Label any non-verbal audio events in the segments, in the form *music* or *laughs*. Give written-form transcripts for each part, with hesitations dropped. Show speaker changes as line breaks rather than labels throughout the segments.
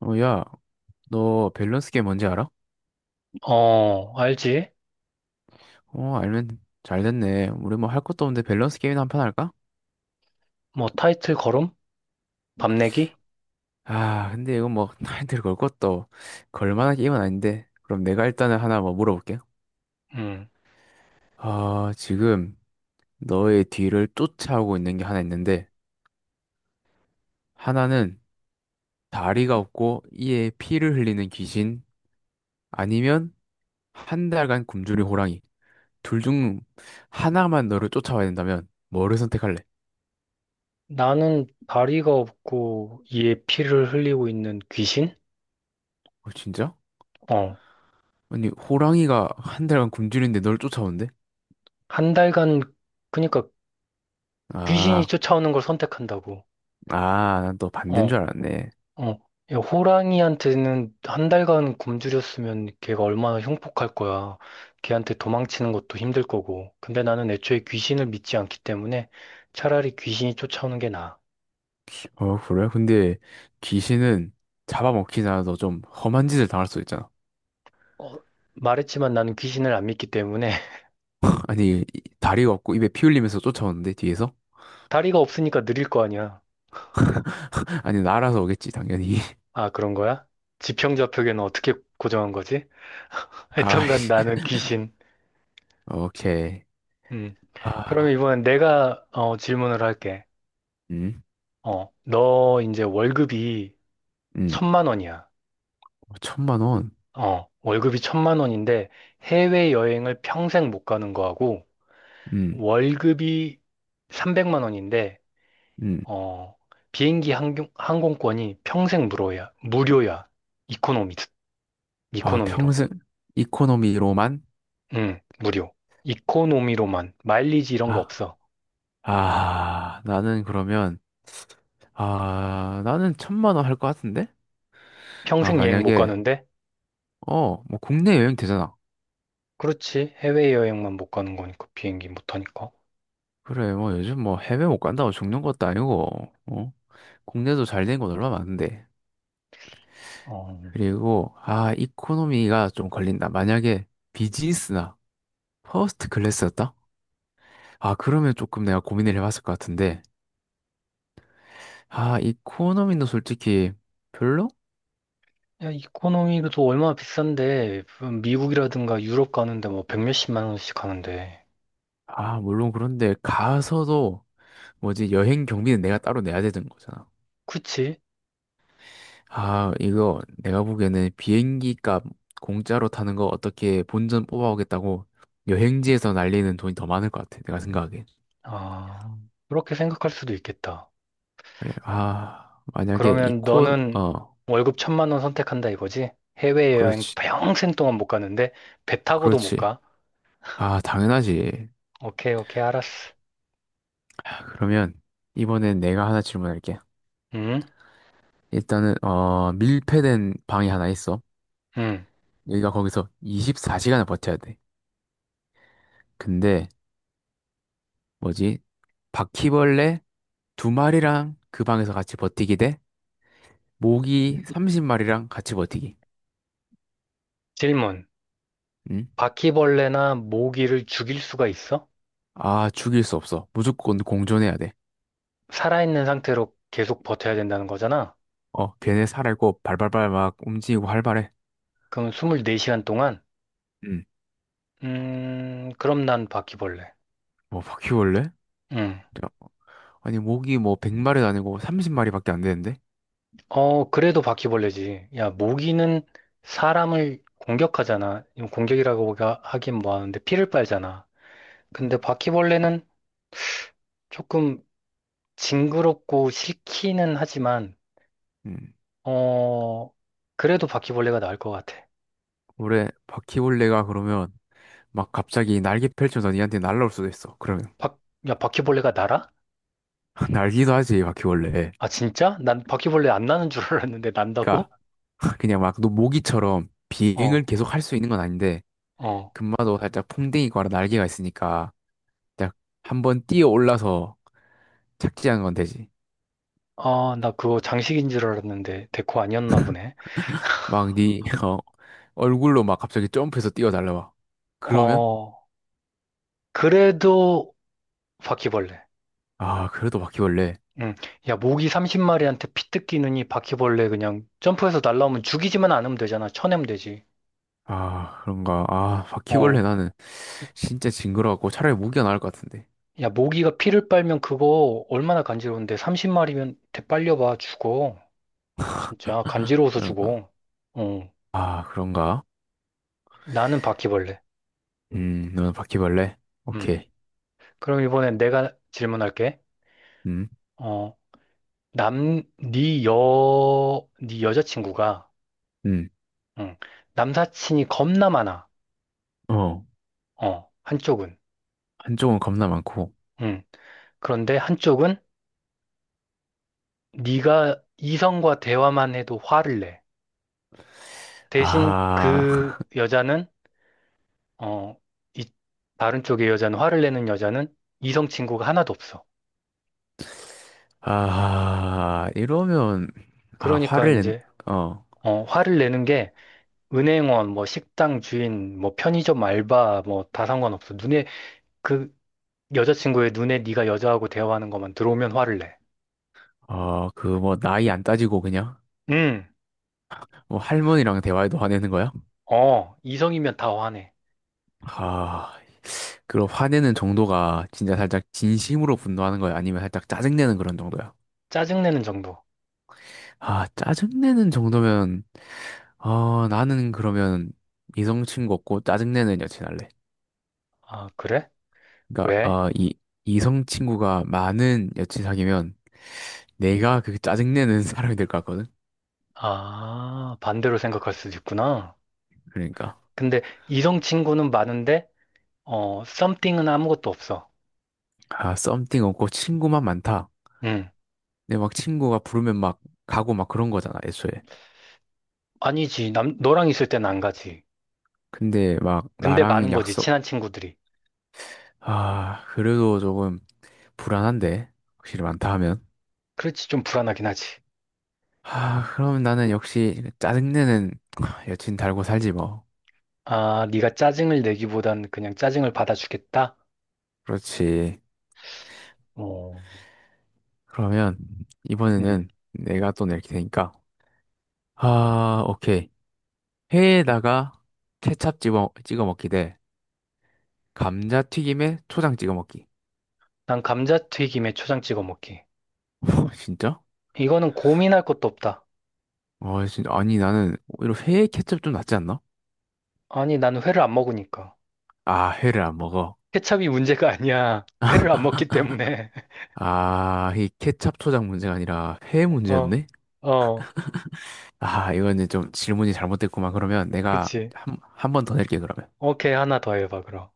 어, 야, 너 밸런스 게임 뭔지 알아?
어, 알지?
알면 잘 됐네. 우리 뭐 할 것도 없는데 밸런스 게임이나 한 판 할까?
뭐, 타이트 걸음? 밤내기?
근데 이건 뭐 *laughs* 타이틀 걸 것도 걸 만한 게임은 아닌데. 그럼 내가 일단은 하나 뭐 물어볼게.
음.
지금 너의 뒤를 쫓아오고 있는 게 하나 있는데, 하나는 다리가 없고 이에 피를 흘리는 귀신, 아니면 한 달간 굶주린 호랑이. 둘 중 하나만 너를 쫓아와야 된다면 뭐를 선택할래?
나는 다리가 없고 이에 피를 흘리고 있는 귀신?
어, 진짜?
어.
아니, 호랑이가 한 달간 굶주리는데 널 쫓아온대?
한 달간, 그니까 귀신이
아,
쫓아오는 걸 선택한다고.
난 너 반대인
어,
줄 알았네.
어. 야, 호랑이한테는 한 달간 굶주렸으면 걔가 얼마나 흉폭할 거야. 걔한테 도망치는 것도 힘들 거고. 근데 나는 애초에 귀신을 믿지 않기 때문에 차라리 귀신이 쫓아오는 게 나아.
그래? 근데 귀신은 잡아먹히나 너좀 험한 짓을 당할 수 있잖아.
어, 말했지만 나는 귀신을 안 믿기 때문에
아니, 다리가 없고 입에 피 흘리면서 쫓아오는데, 뒤에서?
다리가 없으니까 느릴 거 아니야.
*laughs* 아니, 날아서 오겠지, 당연히. *laughs*
아, 그런 거야? 지평 좌표계는 어떻게 고정한 거지? *laughs*
가,
하여튼간 나는
*laughs*
귀신.
오케이.
음. 그
아,
면 이번엔 내가 질문을 할게.
음,
어, 너 이제 월급이
음.
천만 원이야.
어, 1,000만 원.
어, 월급이 천만 원인데 해외 여행을 평생 못 가는 거하고
음,
월급이 300만 원인데
음.
어, 비행기 항공, 항공권이 평생 무료야. 이코노미, 이코노미로.
평생 이코노미로만?
응, 무료. 이코노미로만. 마일리지 이런 거
아,
없어.
나는 그러면, 나는 1,000만 원 할 것 같은데?
평생 여행 못
만약에,
가는데?
뭐 국내 여행 되잖아.
그렇지. 해외여행만 못 가는 거니까. 비행기 못 타니까.
그래, 뭐 요즘 뭐 해외 못 간다고 죽는 것도 아니고, 어? 국내도 잘 된 곳 얼마 많은데.
어.
그리고, 이코노미가 좀 걸린다. 만약에 비즈니스나 퍼스트 클래스였다? 그러면 조금 내가 고민을 해봤을 것 같은데. 이코노미는 솔직히 별로?
야, 이코노미도 또 얼마나 비싼데. 미국이라든가 유럽 가는데 뭐 백 몇십만 원씩 하는데.
물론 그런데 가서도 뭐지, 여행 경비는 내가 따로 내야 되는 거잖아.
그치?
이거 내가 보기에는 비행기 값 공짜로 타는 거 어떻게 본전 뽑아오겠다고 여행지에서 날리는 돈이 더 많을 것 같아. 내가 생각하기엔.
아, 그렇게 생각할 수도 있겠다.
그래. 만약에
그러면 너는 월급 1,000만 원 선택한다 이거지? 해외여행
그렇지.
평생 동안 못 가는데? 배 타고도 못
그렇지.
가?
당연하지.
오케이, 오케이, 알았어.
그러면 이번엔 내가 하나 질문할게.
응?
일단은, 밀폐된 방이 하나 있어.
응.
여기가 거기서 24시간을 버텨야 돼. 근데, 뭐지? 바퀴벌레 두 마리랑 그 방에서 같이 버티기 돼? 모기 30마리랑 같이 버티기.
질문.
응?
바퀴벌레나 모기를 죽일 수가 있어?
죽일 수 없어. 무조건 공존해야 돼.
살아있는 상태로 계속 버텨야 된다는 거잖아?
걔네 살아있고 발발발 막 움직이고 활발해.
그럼 24시간 동안?
응.
그럼 난 바퀴벌레.
뭐 바퀴벌레?
음.
야, 아니, 모기 뭐 100마리도 아니고 30마리밖에 안 되는데?
어, 그래도 바퀴벌레지. 야, 모기는 사람을 공격하잖아. 이거 공격이라고 하긴 뭐하는데 피를 빨잖아. 근데 바퀴벌레는 조금 징그럽고 싫기는 하지만,
응.
어, 그래도 바퀴벌레가 나을 것 같아.
올해 바퀴벌레가 그러면 막 갑자기 날개 펼쳐서 니한테 날아올 수도 있어. 그러면
바, 야, 바퀴벌레가 날아?
*laughs* 날기도 하지, 바퀴벌레.
아, 진짜? 난 바퀴벌레 안 나는 줄 알았는데
그러니까
난다고?
*laughs* 그냥 막 너 모기처럼 비행을
어,
계속 할 수 있는 건 아닌데
어.
금마도 살짝 풍뎅이과라 날개가 있으니까 딱 한번 뛰어 올라서 착지한 건 되지.
아, 나 그거 장식인 줄 알았는데 데코 아니었나 보네.
막 네, *laughs* 얼굴로 막 갑자기 점프해서 뛰어달라 막. 그러면?
어, 그래도 바퀴벌레.
그래도 바퀴벌레.
응. 야, 모기 30마리한테 피 뜯기느니 바퀴벌레 그냥 점프해서 날라오면 죽이지만 않으면 되잖아. 쳐내면 되지.
그런가. 바퀴벌레
어.
나는 진짜 징그러워갖고 차라리 모기가 나을 것 같은데.
야, 모기가 피를 빨면 그거 얼마나 간지러운데 30마리면 대 빨려봐. 죽어. 진짜 간지러워서
그런가.
죽어. 어.
그런가.
나는 바퀴벌레.
너는 바퀴벌레?
음.
오케이.
그럼 이번엔 내가 질문할게.
음,
어, 네 여자친구가,
음.
응, 남사친이 겁나 많아.
어,
어, 한쪽은.
한쪽은 겁나 많고.
응. 그런데 한쪽은 네가 이성과 대화만 해도 화를 내. 대신
아,
그
*laughs*
여자는, 어, 이, 다른 쪽의 여자는, 화를 내는 여자는 이성 친구가 하나도 없어.
이러면,
그러니까
화를 낸,
이제,
어,
화를 내는 게 은행원, 뭐 식당 주인, 뭐 편의점 알바, 뭐 다 상관없어. 눈에 그 여자친구의 눈에 네가 여자하고 대화하는 것만 들어오면 화를 내.
그 뭐 나이 안 따지고 그냥,
응,
뭐 할머니랑 대화해도 화내는 거야?
이성이면 다 화내.
아, 그럼 화내는 정도가 진짜 살짝 진심으로 분노하는 거야? 아니면 살짝 짜증내는 그런 정도야?
짜증내는 정도.
짜증내는 정도면, 나는 그러면 이성 친구 없고 짜증내는 여친 할래.
아, 그래?
그러니까,
왜?
이성 친구가 많은 여친 사귀면 내가 그 짜증내는 *laughs* 사람이 될 것 같거든?
아, 반대로 생각할 수도 있구나.
그러니까,
근데 이성 친구는 많은데, something은 아무것도 없어.
썸띵 없고 친구만 많다.
응,
근데 막 친구가 부르면 막 가고 막 그런 거잖아, 애초에.
아니지. 너랑 있을 땐 안 가지.
근데 막
근데
나랑
많은 거지,
약속.
친한 친구들이.
그래도 조금 불안한데. 확실히 많다 하면.
그렇지, 좀 불안하긴 하지.
그럼 나는 역시 짜증내는 *tsk* 여친 달고 살지 뭐.
아, 네가 짜증을 내기보단 그냥 짜증을 받아주겠다?
그렇지.
어,
그러면
음.
이번에는 내가 또 낼 테니까. 오케이. 회에다가 케찹 찍어 먹기 대 감자튀김에 초장 찍어 먹기.
난 감자튀김에 초장 찍어 먹기.
*laughs* 진짜?
이거는 고민할 것도 없다.
진짜. 아니, 나는 오히려 회에 케첩 좀 낫지 않나?
아니, 나는 회를 안 먹으니까.
회를 안 먹어.
케찹이 문제가 아니야. *laughs* 회를 안 먹기 때문에.
이 케찹 초장 문제가 아니라 회
*laughs* 어,
문제였네?
어,
이거는 좀 질문이 잘못됐구만. 그러면 내가
그치.
한 번 더 낼게, 그러면.
오케이, 하나 더 해봐, 그럼.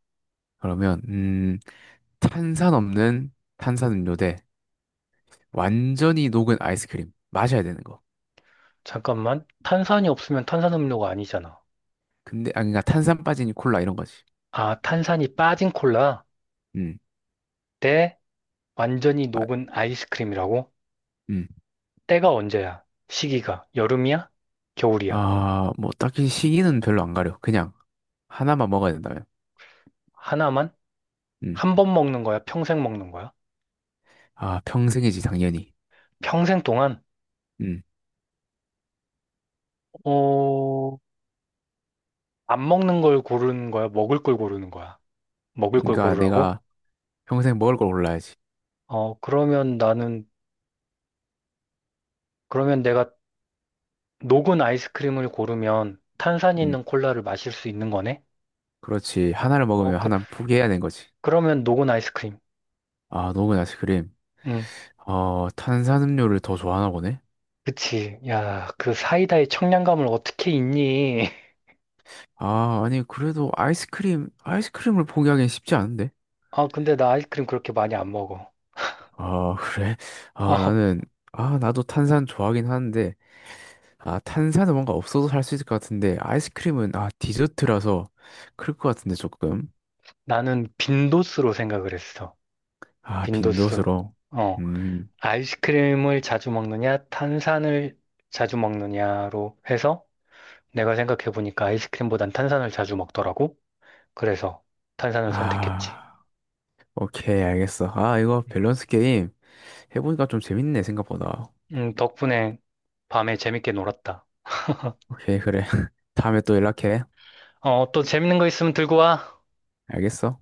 그러면, 탄산 없는 탄산음료 대 완전히 녹은 아이스크림. 마셔야 되는 거.
잠깐만. 탄산이 없으면 탄산음료가 아니잖아.
근데, 그러니까 탄산 빠진 콜라 이런 거지.
아, 탄산이 빠진 콜라
음,
대 완전히
아,
녹은 아이스크림이라고?
음.
때가 언제야? 시기가 여름이야? 겨울이야?
뭐, 딱히 시기는 별로 안 가려. 그냥 하나만 먹어야 된다면.
하나만?
음,
한 번 먹는 거야? 평생 먹는 거야?
평생이지, 당연히.
평생 동안?
음,
어, 안 먹는 걸 고르는 거야? 먹을 걸 고르는 거야? 먹을 걸
그러니까
고르라고?
내가 평생 먹을 걸 골라야지.
어, 그러면 내가 녹은 아이스크림을 고르면 탄산이
음,
있는 콜라를 마실 수 있는 거네?
그렇지. 하나를
어,
먹으면
그,
하나는 포기해야 되는 거지.
그러면 녹은 아이스크림.
녹은 아이스크림.
응,
탄산음료를 더 좋아하나 보네?
그치. 야, 그 사이다의 청량감을 어떻게 잊니? *laughs*
아니, 그래도 아이스크림을 포기하기엔 쉽지 않은데?
아, 근데 나 아이스크림 그렇게 많이 안 먹어.
*laughs* 그래?
어,
나는, 나도 탄산 좋아하긴 하는데, 탄산은 뭔가 없어도 살 수 있을 것 같은데, 아이스크림은, 디저트라서, 그럴 것 같은데, 조금.
나는 빈도수로 생각을 했어. 빈도수.
빈도수로.
어,
음,
아이스크림을 자주 먹느냐, 탄산을 자주 먹느냐로 해서 내가 생각해보니까 아이스크림보단 탄산을 자주 먹더라고. 그래서 탄산을 선택했지.
아, 오케이, 알겠어. 이거
음.
밸런스 게임 해보니까 좀 재밌네, 생각보다.
덕분에 밤에 재밌게 놀았다.
오케이, 그래. *laughs* 다음에 또 연락해.
어, 또 재밌는 거 있으면 들고 와.
알겠어?